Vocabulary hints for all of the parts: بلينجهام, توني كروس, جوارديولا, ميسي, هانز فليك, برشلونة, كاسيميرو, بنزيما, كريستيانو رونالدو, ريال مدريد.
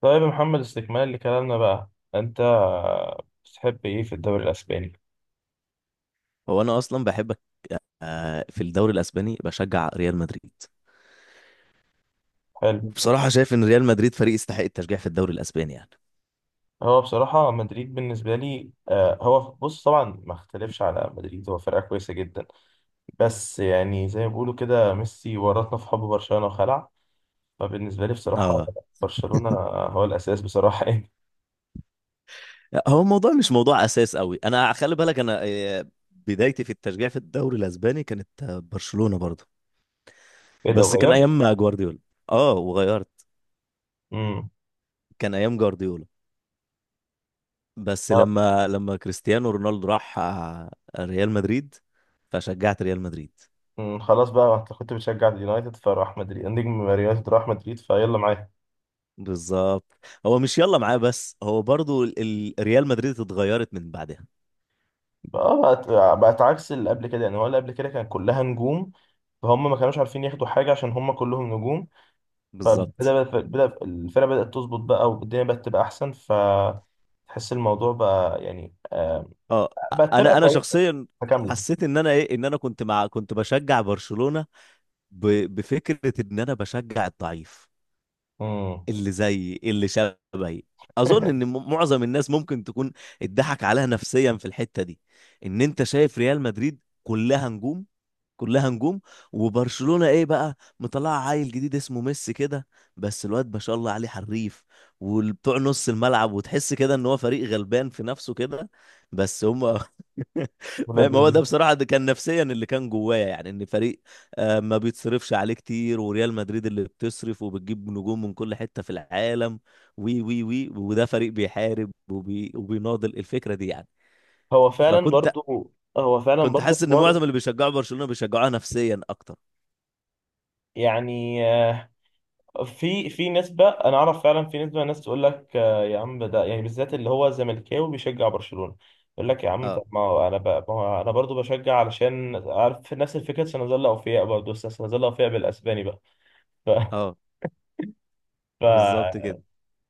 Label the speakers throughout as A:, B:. A: طيب يا محمد، استكمال لكلامنا بقى. انت بتحب ايه في الدوري الاسباني؟
B: هو انا اصلا بحبك في الدوري الاسباني، بشجع ريال مدريد.
A: حلو.
B: وبصراحه شايف ان ريال مدريد فريق يستحق التشجيع في الدوري الاسباني يعني.
A: هو بصراحة مدريد بالنسبة لي هو بص، طبعا ما اختلفش على مدريد، هو فرقة كويسة جدا. بس يعني زي ما بيقولوا كده، ميسي ورطنا في حب برشلونة وخلع. فبالنسبة لي بصراحة
B: اه.
A: برشلونة هو الأساس بصراحة يعني.
B: هو الموضوع مش موضوع اساس قوي، انا خلي بالك انا بدايتي في التشجيع في الدوري الاسباني كانت برشلونه برضه.
A: ايه ده
B: بس كان
A: غير؟
B: ايام جوارديولا. اه، وغيرت.
A: امم
B: كان ايام جوارديولا. بس
A: آه،
B: لما كريستيانو رونالدو راح، ريال مدريد، فشجعت ريال مدريد.
A: خلاص بقى، انت كنت بتشجع اليونايتد فراح مدريد، نجم اليونايتد راح مدريد، فيلا معايا.
B: بالظبط. هو مش يلا معاه، بس هو برضو ريال مدريد اتغيرت من بعدها.
A: بقى بقت عكس اللي قبل كده. يعني هو اللي قبل كده كان كلها نجوم، فهم ما كانوش عارفين ياخدوا حاجة عشان هم كلهم نجوم.
B: بالظبط.
A: فبدأ بدأ الفرقة بدأت تظبط بقى، والدنيا بقت تبقى أحسن، فتحس الموضوع بقى يعني
B: اه.
A: بقت فرقة
B: انا
A: كويسة
B: شخصيا
A: متكاملة.
B: حسيت ان انا كنت بشجع برشلونة ب... بفكرة ان انا بشجع الضعيف
A: امم
B: اللي زي اللي شبهي. اظن ان معظم الناس ممكن تكون اتضحك عليها نفسيا في الحتة دي، ان انت شايف ريال مدريد كلها نجوم، كلها نجوم، وبرشلونة ايه بقى مطلعه عيل جديد اسمه ميسي كده. بس الواد ما شاء الله عليه حريف وبتوع نص الملعب، وتحس كده ان هو فريق غلبان في نفسه كده بس هم
A: ولاد
B: فاهم. هو
A: لذيذ.
B: ده بصراحة ده كان نفسيا اللي كان جوايا، يعني ان فريق ما بيتصرفش عليه كتير، وريال مدريد اللي بتصرف وبتجيب نجوم من كل حتة في العالم، وي وي وي وده فريق بيحارب وبيناضل الفكرة دي يعني.
A: هو فعلا
B: فكنت
A: برضو هو فعلا
B: كنت
A: برضو
B: حاسس ان
A: حوار.
B: معظم اللي بيشجعوا برشلونة بيشجعوها نفسيا اكتر.
A: يعني في نسبة، أنا أعرف فعلا في نسبة ناس تقول لك يا عم، ده يعني بالذات اللي هو زملكاوي بيشجع برشلونة، يقول لك يا عم
B: اه،
A: طب ما هو أنا ما هو أنا برضو بشجع علشان عارف نفس الفكرة، سنظل أوفياء برضو، بس سنظل أوفياء بالأسباني بقى. ف...
B: اه،
A: ف...
B: بالظبط كده.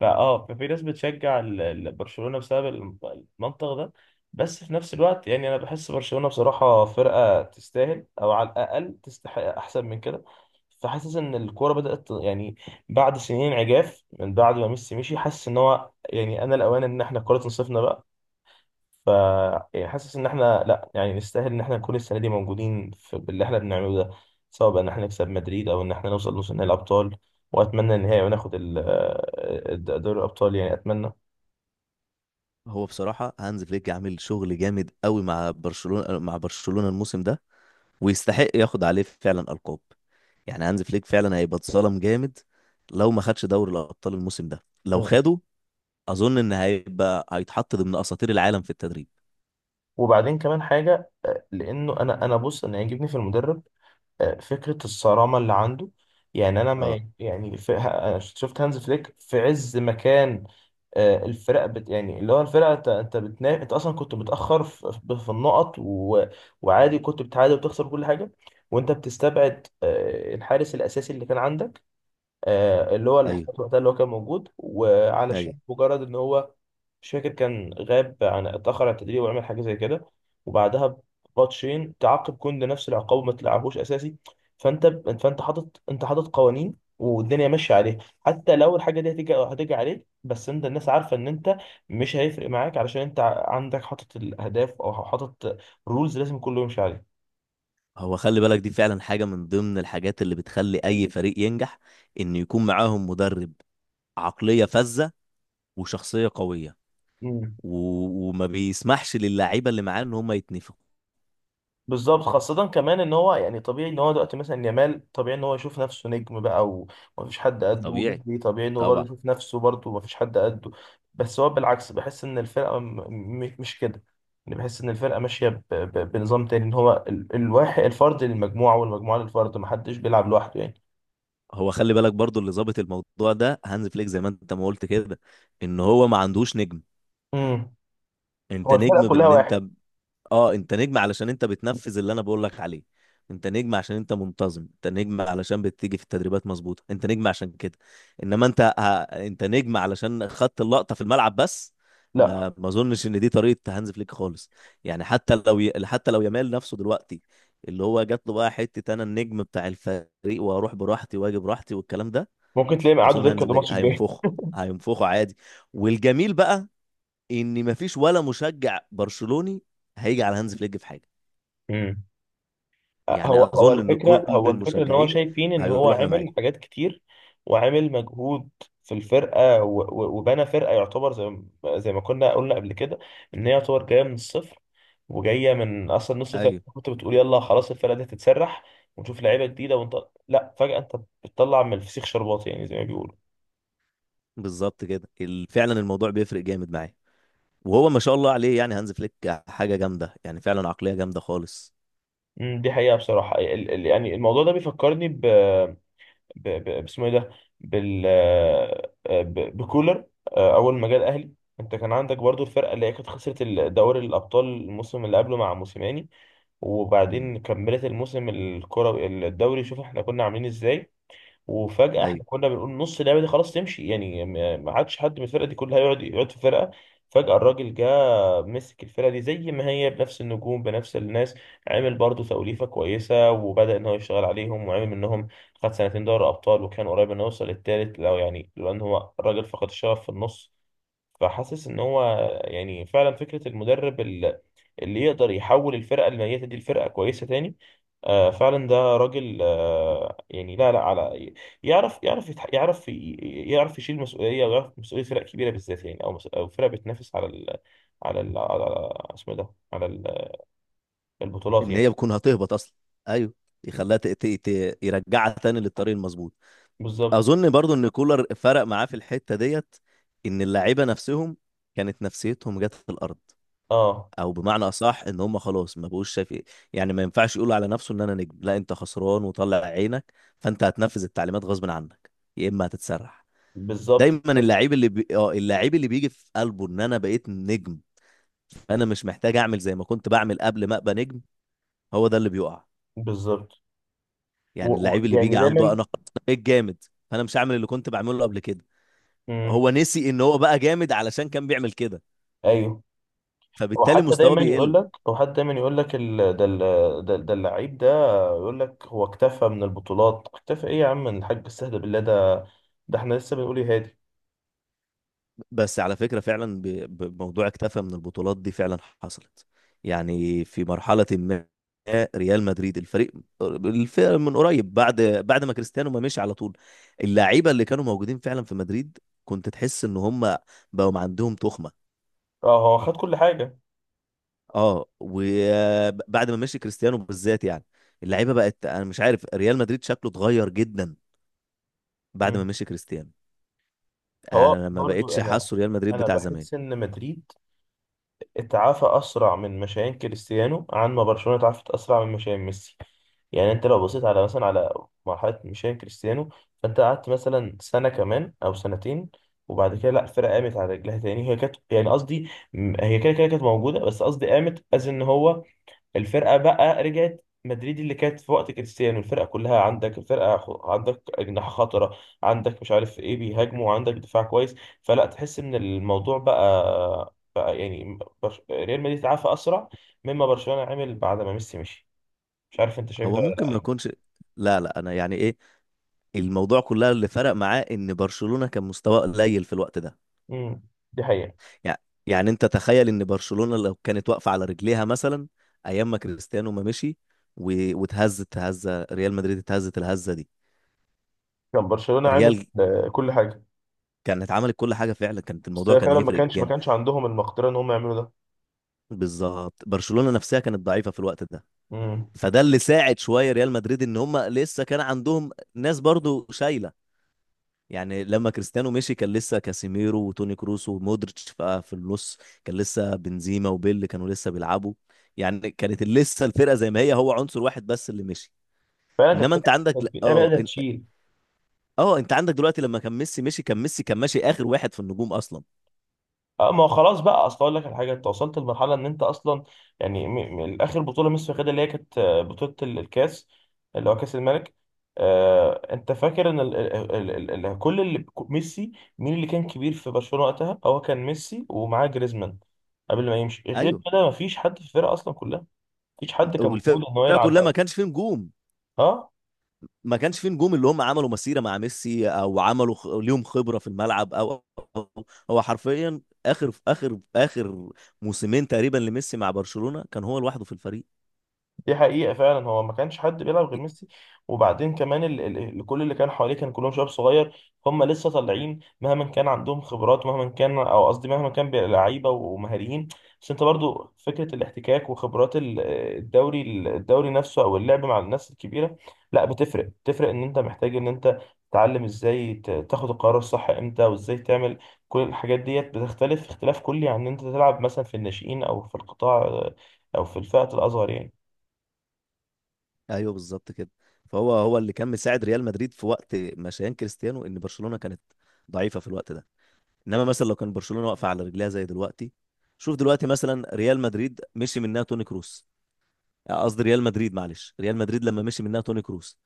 A: فاه ففي ناس بتشجع برشلونة بسبب المنطق ده. بس في نفس الوقت يعني انا بحس برشلونة بصراحة فرقة تستاهل، او على الاقل تستحق احسن من كده. فحاسس ان الكورة يعني بعد سنين عجاف من بعد ما ميسي مشي، حاسس ان هو يعني انا الاوان ان احنا الكورة تنصفنا بقى. ف يعني حاسس ان احنا لا، يعني نستاهل ان احنا نكون السنه دي موجودين في باللي احنا بنعمله ده، سواء بقى ان احنا نكسب مدريد او ان احنا نوصل نص نهائي الابطال، واتمنى النهائي وناخد دوري الابطال، يعني اتمنى.
B: هو بصراحة هانز فليك عامل شغل جامد قوي مع برشلونة، مع برشلونة الموسم ده. ويستحق ياخد عليه فعلا ألقاب. يعني هانز فليك فعلا هيبقى اتظلم جامد لو ما خدش دوري الأبطال الموسم ده. لو
A: مم.
B: خده أظن إن هيبقى هيتحط ضمن أساطير العالم في التدريب.
A: وبعدين كمان حاجه لانه انا بص، انا يعجبني في المدرب فكرة الصرامة اللي عنده. يعني أنا
B: اه.
A: ما يعني، في أنا شفت هانز فليك في عز مكان، الفرق بت يعني اللي هو الفرقة، أنت أنت أصلا كنت متأخر في النقط وعادي كنت بتعادل وتخسر كل حاجة، وأنت بتستبعد الحارس الأساسي اللي كان عندك، اللي هو
B: ايوه،
A: الاحتياط وقتها اللي هو كان موجود،
B: ايوه.
A: وعلشان مجرد إن هو، مش فاكر، كان غاب عن، اتأخر عن التدريب وعمل حاجة زي كده، وبعدها بماتشين تعاقب كوندي نفس العقاب وما تلعبوش أساسي. فأنت فأنت حاطط أنت حاطط قوانين والدنيا ماشية عليها، حتى لو الحاجة دي هتيجي هتيجي عليك، بس أنت الناس عارفة إن أنت مش هيفرق معاك، علشان أنت عندك حاطط الأهداف أو حاطط رولز لازم كله يمشي عليها.
B: هو خلي بالك دي فعلا حاجة من ضمن الحاجات اللي بتخلي أي فريق ينجح، إن يكون معاهم مدرب عقلية فذة وشخصية قوية،
A: مم.
B: و... وما بيسمحش للعيبه اللي معاه ان هم يتنفخوا.
A: بالظبط. خاصة كمان ان هو يعني طبيعي ان هو دلوقتي مثلا يامال، طبيعي ان هو يشوف نفسه نجم بقى ومفيش حد قده،
B: طبيعي.
A: وبدري طبيعي ان هو برضه
B: طبعا.
A: يشوف نفسه برضه ومفيش حد قده. بس هو بالعكس، بحس ان الفرقة مش كده. يعني بحس ان الفرقة ماشية بنظام تاني، ان هو الواحد الفرد للمجموعة والمجموعة للفرد، محدش بيلعب لوحده يعني.
B: هو خلي بالك برضو اللي ظابط الموضوع ده هانز فليك زي ما انت ما قلت كده، ان هو ما عندوش نجم.
A: امم. هو
B: انت
A: الفرقة
B: نجم
A: كلها
B: بان
A: واحد.
B: انت. اه انت نجم علشان انت بتنفذ اللي انا بقول لك عليه. انت نجم عشان انت منتظم، انت نجم علشان بتيجي في التدريبات مظبوطه، انت نجم عشان كده. انما انت انت نجم علشان خدت اللقطه في الملعب بس.
A: لا،
B: ما اظنش ان دي طريقه هانز فليك خالص. يعني حتى لو حتى لو يامال نفسه دلوقتي اللي هو جات له بقى حته انا النجم بتاع الفريق، واروح براحتي واجي براحتي والكلام ده.
A: ممكن تلاقيهم
B: اظن
A: قعدوا دكة
B: هانز فليك
A: الماتش الجاي.
B: هينفخه، هينفخه عادي. والجميل بقى ان مفيش ولا مشجع برشلوني هيجي على هانز فليك في حاجه.
A: امم.
B: يعني
A: هو هو
B: اظن ان كل
A: الفكرة هو الفكرة ان هو
B: المشجعين
A: شايفين ان هو
B: هيقولوا احنا معاك.
A: عامل حاجات كتير وعامل مجهود في الفرقة، وبنى فرقة، يعتبر زي زي ما كنا قلنا قبل كده، ان هي يعتبر جاية من الصفر، وجاية من اصلا نص الفرقة
B: ايوه،
A: كنت بتقول يلا خلاص الفرقة دي هتتسرح ونشوف لعيبة جديدة، ونطلع لا، فجأة انت بتطلع من الفسيخ شربات يعني زي ما بيقولوا.
B: بالظبط كده. ال- فعلا الموضوع بيفرق جامد معايا. وهو ما شاء الله عليه يعني هانز فليك حاجه جامده، يعني فعلا عقليه جامده خالص.
A: أمم، دي حقيقة بصراحة. يعني الموضوع ده بيفكرني باسمه ايه ده، بال آه، بكولر. اول ما جه الاهلي، انت كان عندك برضو الفرقه اللي هي كانت خسرت دوري الابطال الموسم اللي قبله مع موسيماني،
B: مم.
A: وبعدين كملت الموسم الكروي، الدوري شوف احنا كنا عاملين ازاي. وفجأة احنا
B: ايوه.
A: كنا بنقول نص اللعبة دي خلاص تمشي، يعني ما عادش حد من الفرقة دي كلها يقعد في فرقة. فجأة الراجل جه، مسك الفرقة دي زي ما هي بنفس النجوم بنفس الناس، عمل برضه توليفة كويسة وبدأ إن هو يشتغل عليهم وعمل منهم، خد سنتين دوري أبطال وكان قريب إنه يوصل للتالت، لو يعني لولا إن هو الراجل فقد الشغف في النص. فحاسس إن هو يعني فعلا فكرة المدرب اللي يقدر يحول الفرقه الميته دي لفرقه كويسه تاني، آه فعلا ده راجل آه يعني، لا لا على، يعرف يعرف يتح- يعرف ي- يعرف يشيل مسؤوليه، ويعرف مسؤوليه فرق كبيره بالذات يعني، او او فرق بتنافس على ال، على اسمه إيه ده، على البطولات
B: ان
A: يعني.
B: هي بتكون هتهبط اصلا. ايوه.
A: م.
B: يخليها يرجعها تاني للطريق المظبوط.
A: بالظبط.
B: اظن برضو ان كولر فرق معاه في الحته ديت، ان اللعيبه نفسهم كانت نفسيتهم جت في الارض.
A: اه،
B: او بمعنى اصح ان هم خلاص ما بقوش شايف ايه. يعني ما ينفعش يقولوا على نفسه ان انا نجم. لا، انت خسران وطلع عينك، فانت هتنفذ التعليمات غصب عنك، يا اما هتتسرح.
A: بالظبط،
B: دايما اللاعب اللي بيجي في قلبه ان انا بقيت نجم، انا مش محتاج اعمل زي ما كنت بعمل قبل ما ابقى نجم. هو ده اللي بيقع.
A: بالظبط.
B: يعني اللاعب اللي بيجي
A: يعني
B: عنده
A: دايما.
B: انا خلاص أنا بقيت جامد، فانا مش هعمل اللي كنت بعمله قبل كده.
A: مم.
B: هو نسي ان هو بقى جامد علشان كان بيعمل كده،
A: ايوه.
B: فبالتالي مستواه بيقل.
A: هو حتى دايما يقول لك ال... ده ال... ده ده اللعيب ده، يقول لك هو اكتفى من البطولات. اكتفى ايه يا عم الحاج، استهدى بالله، ده ده احنا لسه بنقول يا هادي.
B: بس على فكرة فعلا بموضوع اكتفى من البطولات دي فعلا حصلت. يعني في مرحلة ما ريال مدريد الفريق، الفريق من قريب بعد ما كريستيانو ما مشي على طول، اللعيبة اللي كانوا موجودين فعلا في مدريد كنت تحس ان هم بقوا عندهم تخمة.
A: اه، هو خد كل حاجه.
B: اه. وبعد ما مشي كريستيانو بالذات يعني اللعيبة بقت، انا مش عارف، ريال مدريد شكله اتغير جدا بعد ما
A: مم.
B: مشي كريستيانو.
A: هو
B: انا ما
A: برضو
B: بقتش
A: انا
B: حاسه ريال مدريد
A: انا
B: بتاع زمان.
A: بحس ان مدريد اتعافى أسرع من مشيان كريستيانو عن ما برشلونة اتعافت أسرع من مشيان ميسي. يعني أنت لو بصيت على مثلا على مرحلة مشيان كريستيانو، فأنت قعدت مثلا سنة كمان أو سنتين، وبعد كده لا الفرقة قامت على رجلها تاني. هي كانت يعني قصدي، هي كده كده كانت موجودة، بس قصدي قامت، أز إن هو الفرقه بقى رجعت مدريد اللي كانت في وقت كريستيانو. الفرقه كلها عندك، الفرقه عندك اجنحه خطره، عندك مش عارف ايه بيهاجموا، عندك دفاع كويس. فلا، تحس ان الموضوع بقى يعني ريال مدريد اتعافى اسرع مما برشلونه عمل بعد ما ميسي مشي. مش عارف انت شايف ده
B: هو
A: ولا
B: ممكن
A: لا
B: ما
A: يعني.
B: يكونش. لا، لا، انا يعني ايه، الموضوع كلها اللي فرق معاه ان برشلونة كان مستواه قليل في الوقت ده.
A: امم، دي حقيقه.
B: يعني يعني انت تخيل ان برشلونة لو كانت واقفة على رجليها مثلا ايام ما كريستيانو ما مشي، واتهزت هزة، ريال مدريد اتهزت الهزة دي،
A: كان برشلونه عمل
B: ريال
A: كل حاجه.
B: كانت عملت كل حاجة فعلا، كانت
A: بس
B: الموضوع
A: هي
B: كان
A: فعلا ما
B: هيفرق
A: كانش ما
B: جامد.
A: كانش عندهم المقدره ان هم يعملوا ده.
B: بالظبط برشلونة نفسها كانت ضعيفة في الوقت ده.
A: امم،
B: فده اللي ساعد شوية ريال مدريد ان هم لسه كان عندهم ناس برضو شايلة. يعني لما كريستيانو مشي كان لسه كاسيميرو وتوني كروس ومودريتش بقى في النص، كان لسه بنزيما وبيل كانوا لسه بيلعبوا. يعني كانت لسه الفرقه زي ما هي، هو عنصر واحد بس اللي مشي.
A: فعلا. كانت
B: انما
A: فكره،
B: انت عندك ل-
A: كانت في لعيبه
B: اه
A: قادره
B: إن-
A: تشيل.
B: اه انت عندك دلوقتي لما كان ميسي مشي، كان ميسي كان ماشي اخر واحد في النجوم اصلا.
A: اه، ما هو خلاص بقى، اصل اقول لك على حاجه، انت وصلت لمرحله ان انت اصلا يعني اخر بطوله ميسي واخدها، اللي هي كانت بطوله الكاس اللي هو كاس الملك. انت فاكر ان كل اللي ميسي، مين اللي كان كبير في برشلونه وقتها، هو كان ميسي ومعاه جريزمان. قبل ما يمشي غير
B: ايوه،
A: كده مفيش حد في الفرقه اصلا كلها، مفيش حد كان موجود ان هو
B: والفرقه
A: يلعب
B: كلها ما
A: أوي.
B: كانش فيه نجوم،
A: اه،
B: ما كانش فيه نجوم اللي هم عملوا مسيرة مع ميسي او عملوا ليهم خبرة في الملعب او أو- هو حرفيا اخر موسمين تقريبا لميسي مع برشلونة كان هو لوحده في الفريق.
A: دي حقيقة فعلا، هو ما كانش حد بيلعب غير ميسي. وبعدين كمان كل اللي كان حواليه كان كلهم شباب صغير، هم لسه طالعين مهما كان عندهم خبرات، مهما كان او قصدي، مهما كان لعيبة ومهاريين، بس انت برضو فكرة الاحتكاك وخبرات الدوري الدوري نفسه، او اللعب مع الناس الكبيرة، لا بتفرق. بتفرق، ان انت محتاج ان انت تتعلم ازاي تاخد القرار الصح امتى وازاي تعمل. كل الحاجات ديت بتختلف اختلاف كلي عن ان انت تلعب مثلا في الناشئين او في القطاع او في الفئة الاصغر يعني.
B: ايوه، بالظبط كده. فهو اللي كان مساعد ريال مدريد في وقت مشيان كريستيانو ان برشلونة كانت ضعيفة في الوقت ده. انما مثلا لو كان برشلونة واقفة على رجليها زي دلوقتي، شوف دلوقتي مثلا ريال مدريد مشي منها توني كروس، قصدي ريال مدريد، معلش، ريال مدريد لما مشي منها توني كروس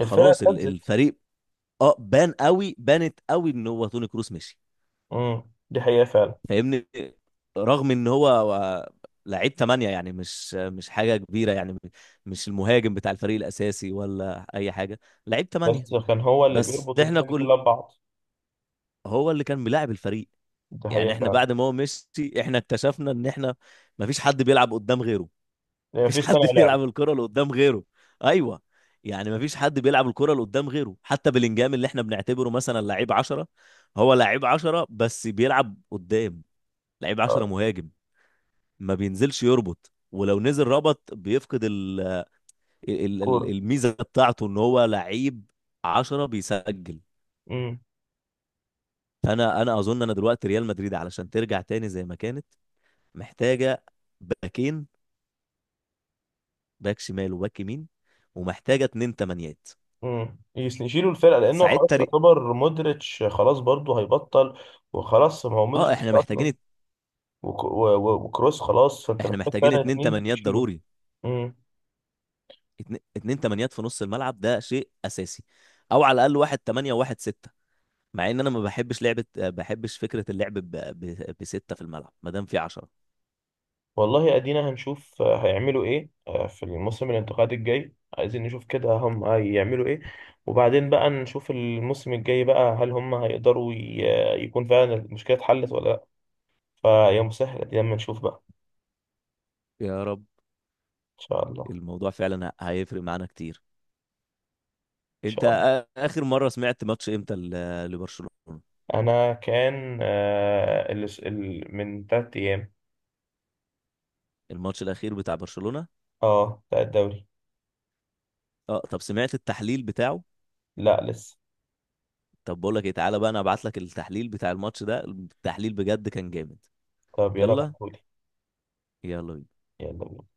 A: الفرقة
B: ال-
A: اتهزت.
B: الفريق. اه، بان قوي، بانت قوي ان هو توني كروس مشي.
A: امم، دي حقيقة فعلا.
B: فاهمني، رغم ان هو هو لعيب تمانية، يعني مش حاجة كبيرة يعني. مش المهاجم بتاع الفريق الأساسي ولا أي حاجة، لعيب تمانية.
A: بس كان هو اللي
B: بس
A: بيربط
B: احنا
A: الدنيا دي
B: كل
A: كلها ببعض.
B: هو اللي كان بيلاعب الفريق،
A: دي
B: يعني
A: حقيقة
B: احنا
A: فعلا.
B: بعد ما هو مشي احنا اكتشفنا ان احنا مفيش حد بيلعب قدام غيره.
A: يعني
B: مفيش
A: مفيش صانع
B: حد
A: لعب.
B: بيلعب الكرة اللي قدام غيره. ايوه. يعني مفيش حد بيلعب الكرة اللي قدام غيره، حتى بلينجهام اللي احنا بنعتبره مثلا لعيب عشرة، هو لعيب عشرة بس بيلعب قدام. لعيب عشرة
A: اه.
B: مهاجم، ما بينزلش يربط، ولو نزل ربط بيفقد
A: كورة.
B: الميزة بتاعته ان هو لعيب عشرة بيسجل.
A: امم.
B: انا اظن انا دلوقتي ريال مدريد علشان ترجع تاني زي ما كانت، محتاجة باكين، باك شمال وباك يمين، ومحتاجة اتنين تمانيات
A: امم، يشيلوا الفرقة، لأنه خلاص
B: ساعتها.
A: يعتبر مودريتش خلاص برضه هيبطل، وخلاص ما هو مودريتش
B: اه،
A: مش
B: احنا
A: أصلا،
B: محتاجين
A: وكروس خلاص، فأنت
B: احنا
A: محتاج
B: محتاجين
A: فعلا
B: اتنين
A: اتنين
B: تمانيات
A: تشيله.
B: ضروري. اتنين تمانيات في نص الملعب ده شيء اساسي، او على الاقل واحد تمانية وواحد ستة. مع ان انا ما بحبش لعبة بحبش فكرة اللعب بستة في الملعب ما دام في عشرة.
A: والله ادينا هنشوف هيعملوا ايه في الموسم الانتقالي الجاي، عايزين نشوف كده هم هيعملوا ايه. وبعدين بقى نشوف الموسم الجاي بقى، هل هم هيقدروا يكون فعلا المشكلة اتحلت ولا لا. فيا مسهل، ادينا اما نشوف بقى.
B: يا رب.
A: ان شاء الله. ان
B: الموضوع فعلا هيفرق معانا كتير. انت
A: شاء الله.
B: اخر مرة سمعت ماتش امتى لبرشلونة.
A: انا كان من 3 ايام.
B: الماتش الاخير بتاع برشلونة.
A: اه، بتاع الدوري.
B: اه. طب سمعت التحليل بتاعه.
A: لا لسه.
B: طب بقول لك ايه، تعالى بقى انا ابعت لك التحليل بتاع الماتش ده، التحليل بجد كان جامد.
A: طب يلا
B: يلا،
A: بعتهولي.
B: يلا بينا.
A: يلا بينا.